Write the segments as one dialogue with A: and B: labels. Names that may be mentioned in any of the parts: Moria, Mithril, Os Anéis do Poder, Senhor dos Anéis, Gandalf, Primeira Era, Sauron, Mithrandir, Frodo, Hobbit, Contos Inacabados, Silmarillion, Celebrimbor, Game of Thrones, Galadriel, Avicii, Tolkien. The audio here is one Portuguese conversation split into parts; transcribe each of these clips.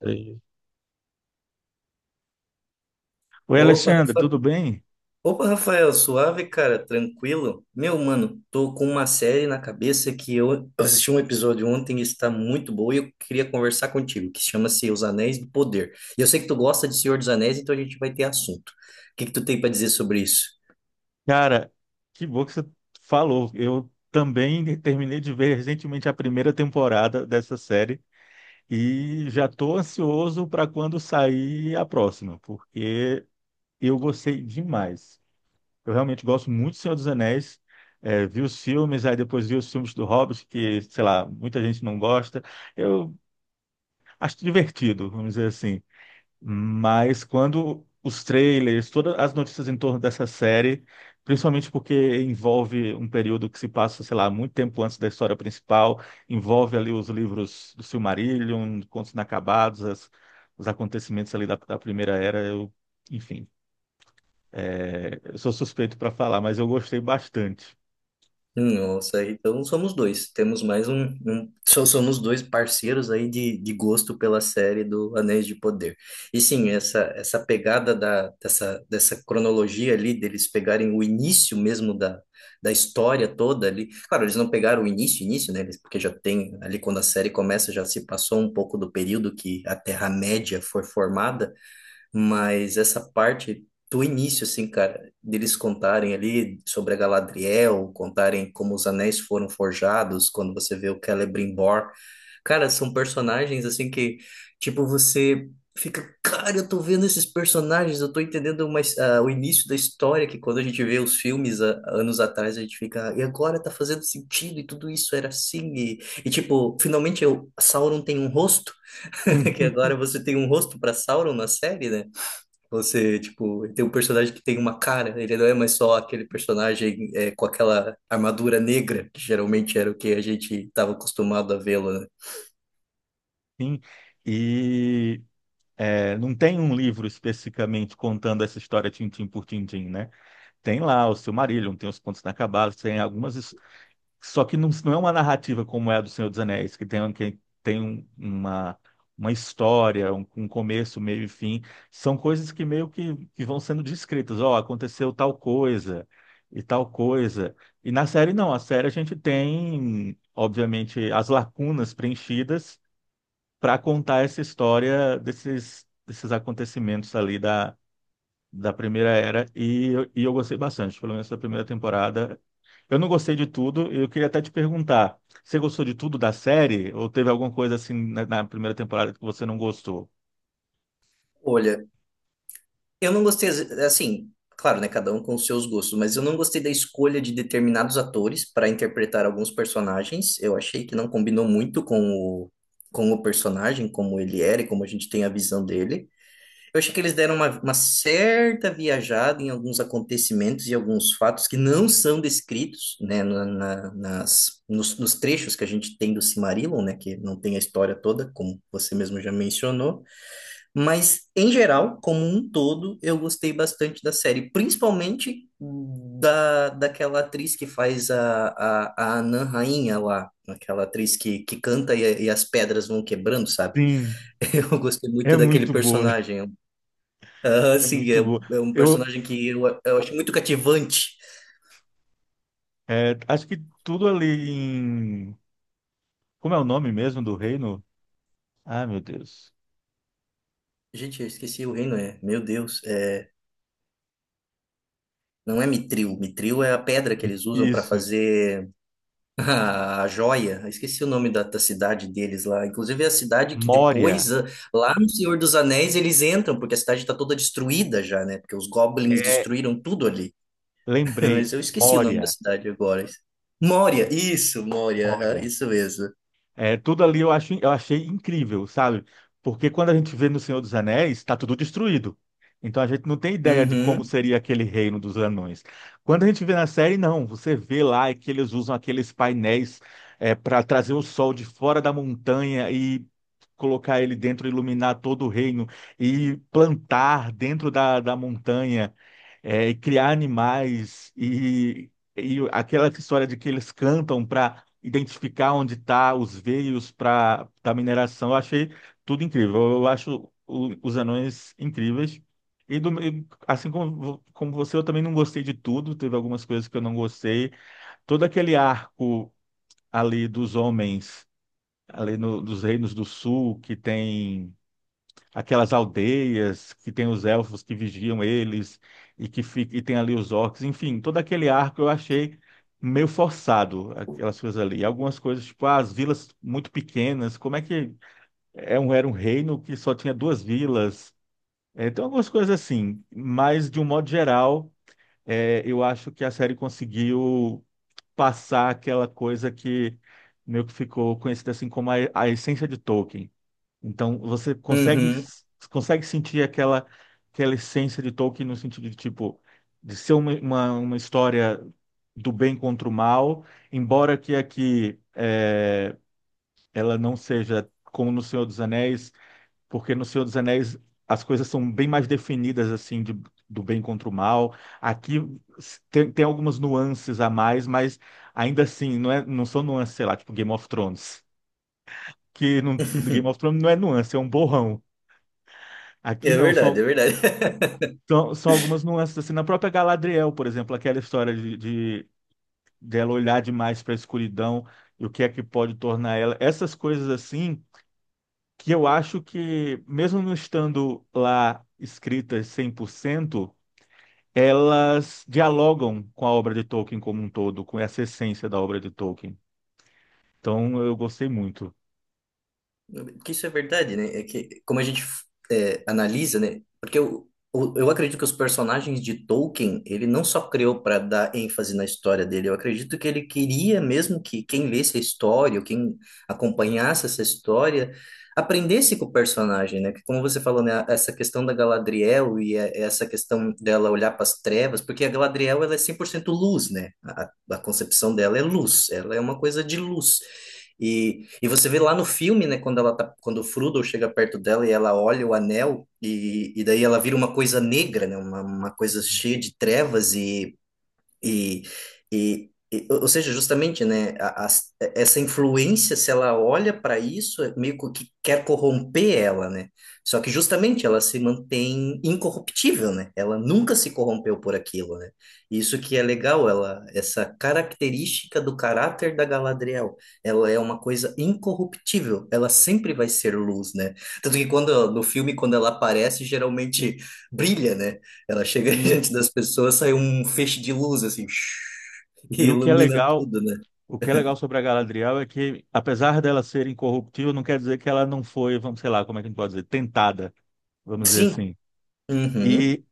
A: Entendi. Oi,
B: Opa,
A: Alexandre, tudo
B: Rafa...
A: bem?
B: Opa, Rafael, suave, cara, tranquilo? Meu, mano, tô com uma série na cabeça que eu assisti um episódio ontem e está muito boa e eu queria conversar contigo, que chama-se Os Anéis do Poder. E eu sei que tu gosta de Senhor dos Anéis, então a gente vai ter assunto. O que que tu tem para dizer sobre isso?
A: Cara, que bom que você falou. Eu também terminei de ver recentemente a primeira temporada dessa série e já estou ansioso para quando sair a próxima, porque eu gostei demais. Eu realmente gosto muito do Senhor dos Anéis. É, vi os filmes, aí depois vi os filmes do Hobbit, que, sei lá, muita gente não gosta. Eu acho divertido, vamos dizer assim. Mas quando os trailers, todas as notícias em torno dessa série, principalmente porque envolve um período que se passa, sei lá, muito tempo antes da história principal, envolve ali os livros do Silmarillion, Contos Inacabados, os acontecimentos ali da Primeira Era, eu, enfim, é, eu sou suspeito para falar, mas eu gostei bastante.
B: Nossa, então somos dois. Temos mais Só somos dois parceiros aí de gosto pela série do Anéis de Poder. E sim, essa pegada dessa cronologia ali, deles pegarem o início mesmo da história toda ali. Claro, eles não pegaram o início, início, né? Porque já tem ali quando a série começa, já se passou um pouco do período que a Terra-média foi formada. Mas essa parte do início, assim, cara, deles contarem ali sobre a Galadriel, contarem como os anéis foram forjados, quando você vê o Celebrimbor. Cara, são personagens, assim, que, tipo, você fica, cara, eu tô vendo esses personagens, eu tô entendendo mais, ah, o início da história, que quando a gente vê os filmes ah, anos atrás, a gente fica, e agora tá fazendo sentido, e tudo isso era assim, e tipo, finalmente eu, Sauron tem um rosto, que agora você tem um rosto para Sauron na série, né? Você, tipo, ele tem um personagem que tem uma cara, ele não é mais só aquele personagem é, com aquela armadura negra, que geralmente era o que a gente estava acostumado a vê-lo, né?
A: Enfim, e é, não tem um livro especificamente contando essa história tintim por tintim, né? Tem lá o Silmarillion, tem os Contos Inacabados, tem algumas. Só que não é uma narrativa como é a do Senhor dos Anéis, que tem, um, uma história, um começo, meio e fim. São coisas que meio que vão sendo descritas. Ó, aconteceu tal coisa. E na série, não. A série a gente tem, obviamente, as lacunas preenchidas para contar essa história desses acontecimentos ali da primeira era e, eu gostei bastante, pelo menos da primeira temporada. Eu não gostei de tudo, eu queria até te perguntar, você gostou de tudo da série ou teve alguma coisa assim na primeira temporada que você não gostou?
B: Olha, eu não gostei, assim, claro, né, cada um com os seus gostos, mas eu não gostei da escolha de determinados atores para interpretar alguns personagens. Eu achei que não combinou muito com com o personagem, como ele era e como a gente tem a visão dele. Eu achei que eles deram uma certa viajada em alguns acontecimentos e alguns fatos que não são descritos, né, nos trechos que a gente tem do Silmarillion, né, que não tem a história toda, como você mesmo já mencionou, mas em geral, como um todo, eu gostei bastante da série, principalmente daquela atriz que faz a Anã Rainha lá, aquela atriz que canta e as pedras vão quebrando, sabe?
A: Sim,
B: Eu gostei
A: é
B: muito daquele
A: muito boa,
B: personagem, ah,
A: é
B: sim, é,
A: muito boa.
B: é um
A: Eu
B: personagem que eu acho muito cativante.
A: é, acho que tudo ali em... Como é o nome mesmo do reino? Ah, meu Deus.
B: Gente, eu esqueci o reino, é. Meu Deus, é, não é Mithril. Mithril é a pedra que eles usam para
A: Isso,
B: fazer a joia. Eu esqueci o nome da cidade deles lá. Inclusive é a cidade que
A: Moria.
B: depois, ah, lá no Senhor dos Anéis, eles entram, porque a cidade está toda destruída já, né? Porque os goblins
A: É,
B: destruíram tudo ali.
A: lembrei,
B: Mas eu esqueci o nome da
A: Moria.
B: cidade agora.
A: É,
B: Moria, isso, Moria, aham,
A: Moria.
B: isso mesmo.
A: É, tudo ali eu acho, eu achei incrível, sabe? Porque quando a gente vê no Senhor dos Anéis, está tudo destruído. Então a gente não tem ideia de como
B: Uhum,
A: seria aquele reino dos anões. Quando a gente vê na série, não. Você vê lá é que eles usam aqueles painéis para trazer o sol de fora da montanha e colocar ele dentro, iluminar todo o reino e plantar dentro da montanha, é, e criar animais e aquela história de que eles cantam para identificar onde está os veios para da mineração. Eu achei tudo incrível. Eu acho os anões incríveis. Assim como, como você, eu também não gostei de tudo. Teve algumas coisas que eu não gostei. Todo aquele arco ali dos homens, ali no, dos reinos do sul, que tem aquelas aldeias que tem os elfos que vigiam eles e que fica, e tem ali os orcs, enfim, todo aquele arco eu achei meio forçado aquelas coisas ali. Algumas coisas tipo ah, as vilas muito pequenas, como é que é um, era um reino que só tinha duas vilas? É, tem algumas coisas assim, mas de um modo geral, é, eu acho que a série conseguiu passar aquela coisa que meio que ficou conhecida assim como a essência de Tolkien então você consegue
B: uhum.
A: consegue sentir aquela aquela essência de Tolkien no sentido de tipo de ser uma história do bem contra o mal, embora que aqui é, ela não seja como no Senhor dos Anéis, porque no Senhor dos Anéis as coisas são bem mais definidas assim de, do bem contra o mal. Aqui tem, tem algumas nuances a mais, mas ainda assim não é não são nuances, sei lá, tipo Game of Thrones. Que no Game of Thrones não é nuance, é um borrão. Aqui
B: É
A: não,
B: verdade, é
A: são,
B: verdade.
A: são, são algumas nuances. Assim, na própria Galadriel, por exemplo, aquela história de dela olhar demais para a escuridão e o que é que pode tornar ela. Essas coisas assim, que eu acho que, mesmo não estando lá escritas 100%, elas dialogam com a obra de Tolkien como um todo, com essa essência da obra de Tolkien. Então, eu gostei muito.
B: Porque isso é verdade, né? É que como a gente é, analisa, né? Porque eu, eu acredito que os personagens de Tolkien, ele não só criou para dar ênfase na história dele, eu acredito que ele queria mesmo que quem lesse a história, ou quem acompanhasse essa história, aprendesse com o personagem, né? Que como você falou, né? Essa questão da Galadriel essa questão dela olhar para as trevas, porque a Galadriel, ela é 100% luz, né? A concepção dela é luz, ela é uma coisa de luz. E você vê lá no filme, né, quando ela tá, quando o Frodo chega perto dela e ela olha o anel, e daí ela vira uma coisa negra, né, uma coisa
A: Uhum.
B: cheia de trevas, e, ou seja, justamente, né, essa influência, se ela olha para isso, é meio que quer corromper ela, né? Só que justamente ela se mantém incorruptível, né? Ela nunca se corrompeu por aquilo, né? Isso que é legal, ela, essa característica do caráter da Galadriel, ela é uma coisa incorruptível, ela sempre vai ser luz, né? Tanto que quando no filme, quando ela aparece, geralmente brilha, né? Ela chega
A: Sim.
B: diante das pessoas, sai um feixe de luz, assim, e
A: E o que é
B: ilumina
A: legal,
B: tudo, né?
A: O que é legal sobre a Galadriel é que, apesar dela ser incorruptível, não quer dizer que ela não foi, vamos, sei lá, como é que a gente pode dizer, tentada, vamos dizer
B: Sim.
A: assim.
B: Uhum.
A: E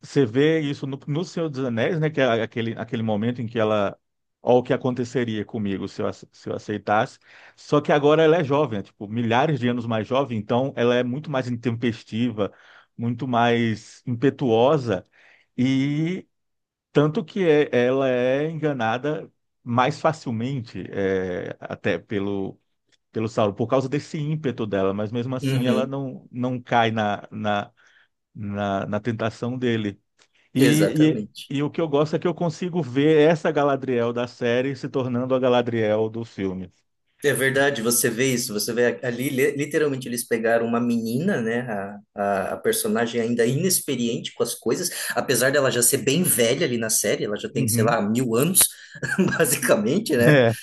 A: você vê isso no, no Senhor dos Anéis, né, que é aquele, aquele momento em que ela, ó, o que aconteceria comigo se eu, se eu aceitasse. Só que agora ela é jovem, é, tipo, milhares de anos mais jovem, então ela é muito mais intempestiva, muito mais impetuosa. Tanto que ela é enganada mais facilmente, é, até pelo, pelo Sauron, por causa desse ímpeto dela, mas mesmo assim ela
B: Uhum.
A: não cai na, na, na tentação dele. E,
B: Exatamente.
A: e o que eu gosto é que eu consigo ver essa Galadriel da série se tornando a Galadriel do filme.
B: É verdade, você vê isso, você vê literalmente, eles pegaram uma menina, né? A personagem ainda inexperiente com as coisas, apesar dela já ser bem velha ali na série, ela já tem, sei
A: Uhum.
B: lá, 1000 anos, basicamente, né?
A: É,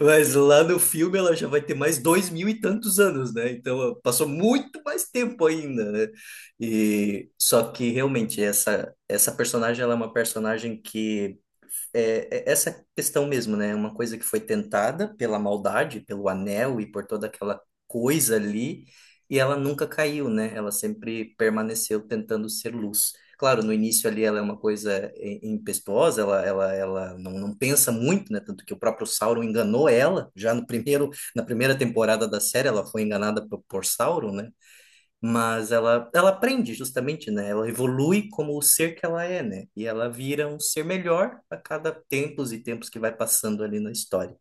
B: Mas lá no filme ela já vai ter mais 2000 e tantos anos, né? Então ela passou muito mais tempo ainda, né? E só que realmente essa personagem ela é uma personagem que é, é essa questão mesmo, né? Uma coisa que foi tentada pela maldade, pelo anel e por toda aquela coisa ali, e ela nunca caiu, né? Ela sempre permaneceu tentando ser luz. Claro, no início ali ela é uma coisa i- impetuosa, ela não, não pensa muito, né? Tanto que o próprio Sauron enganou ela, já no primeiro, na primeira temporada da série ela foi enganada por Sauron, né? Mas ela aprende justamente, né? Ela evolui como o ser que ela é, né? E ela vira um ser melhor a cada tempos e tempos que vai passando ali na história.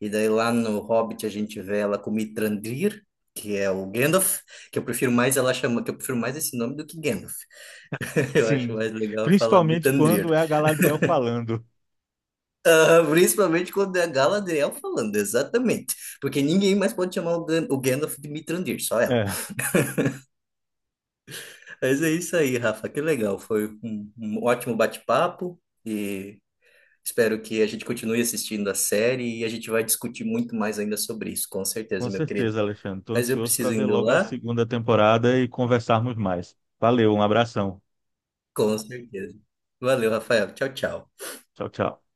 B: E daí lá no Hobbit a gente vê ela com Mithrandir, que é o Gandalf, que eu prefiro mais ela chama, que eu prefiro mais esse nome do que Gandalf. Eu acho
A: sim.
B: mais legal falar
A: Principalmente quando
B: Mithrandir.
A: é a Galadriel falando.
B: Ah, principalmente quando é a Galadriel falando, exatamente. Porque ninguém mais pode chamar o Gandalf de Mithrandir, só ela.
A: É.
B: Mas é isso aí, Rafa. Que legal. Foi um ótimo bate-papo e espero que a gente continue assistindo a série e a gente vai discutir muito mais ainda sobre isso, com certeza,
A: Com
B: meu querido.
A: certeza, Alexandre. Estou
B: Mas eu
A: ansioso para
B: preciso
A: ver
B: indo
A: logo a
B: lá?
A: segunda temporada e conversarmos mais. Valeu, um abração.
B: Com certeza. Valeu, Rafael. Tchau, tchau.
A: Tchau, tchau.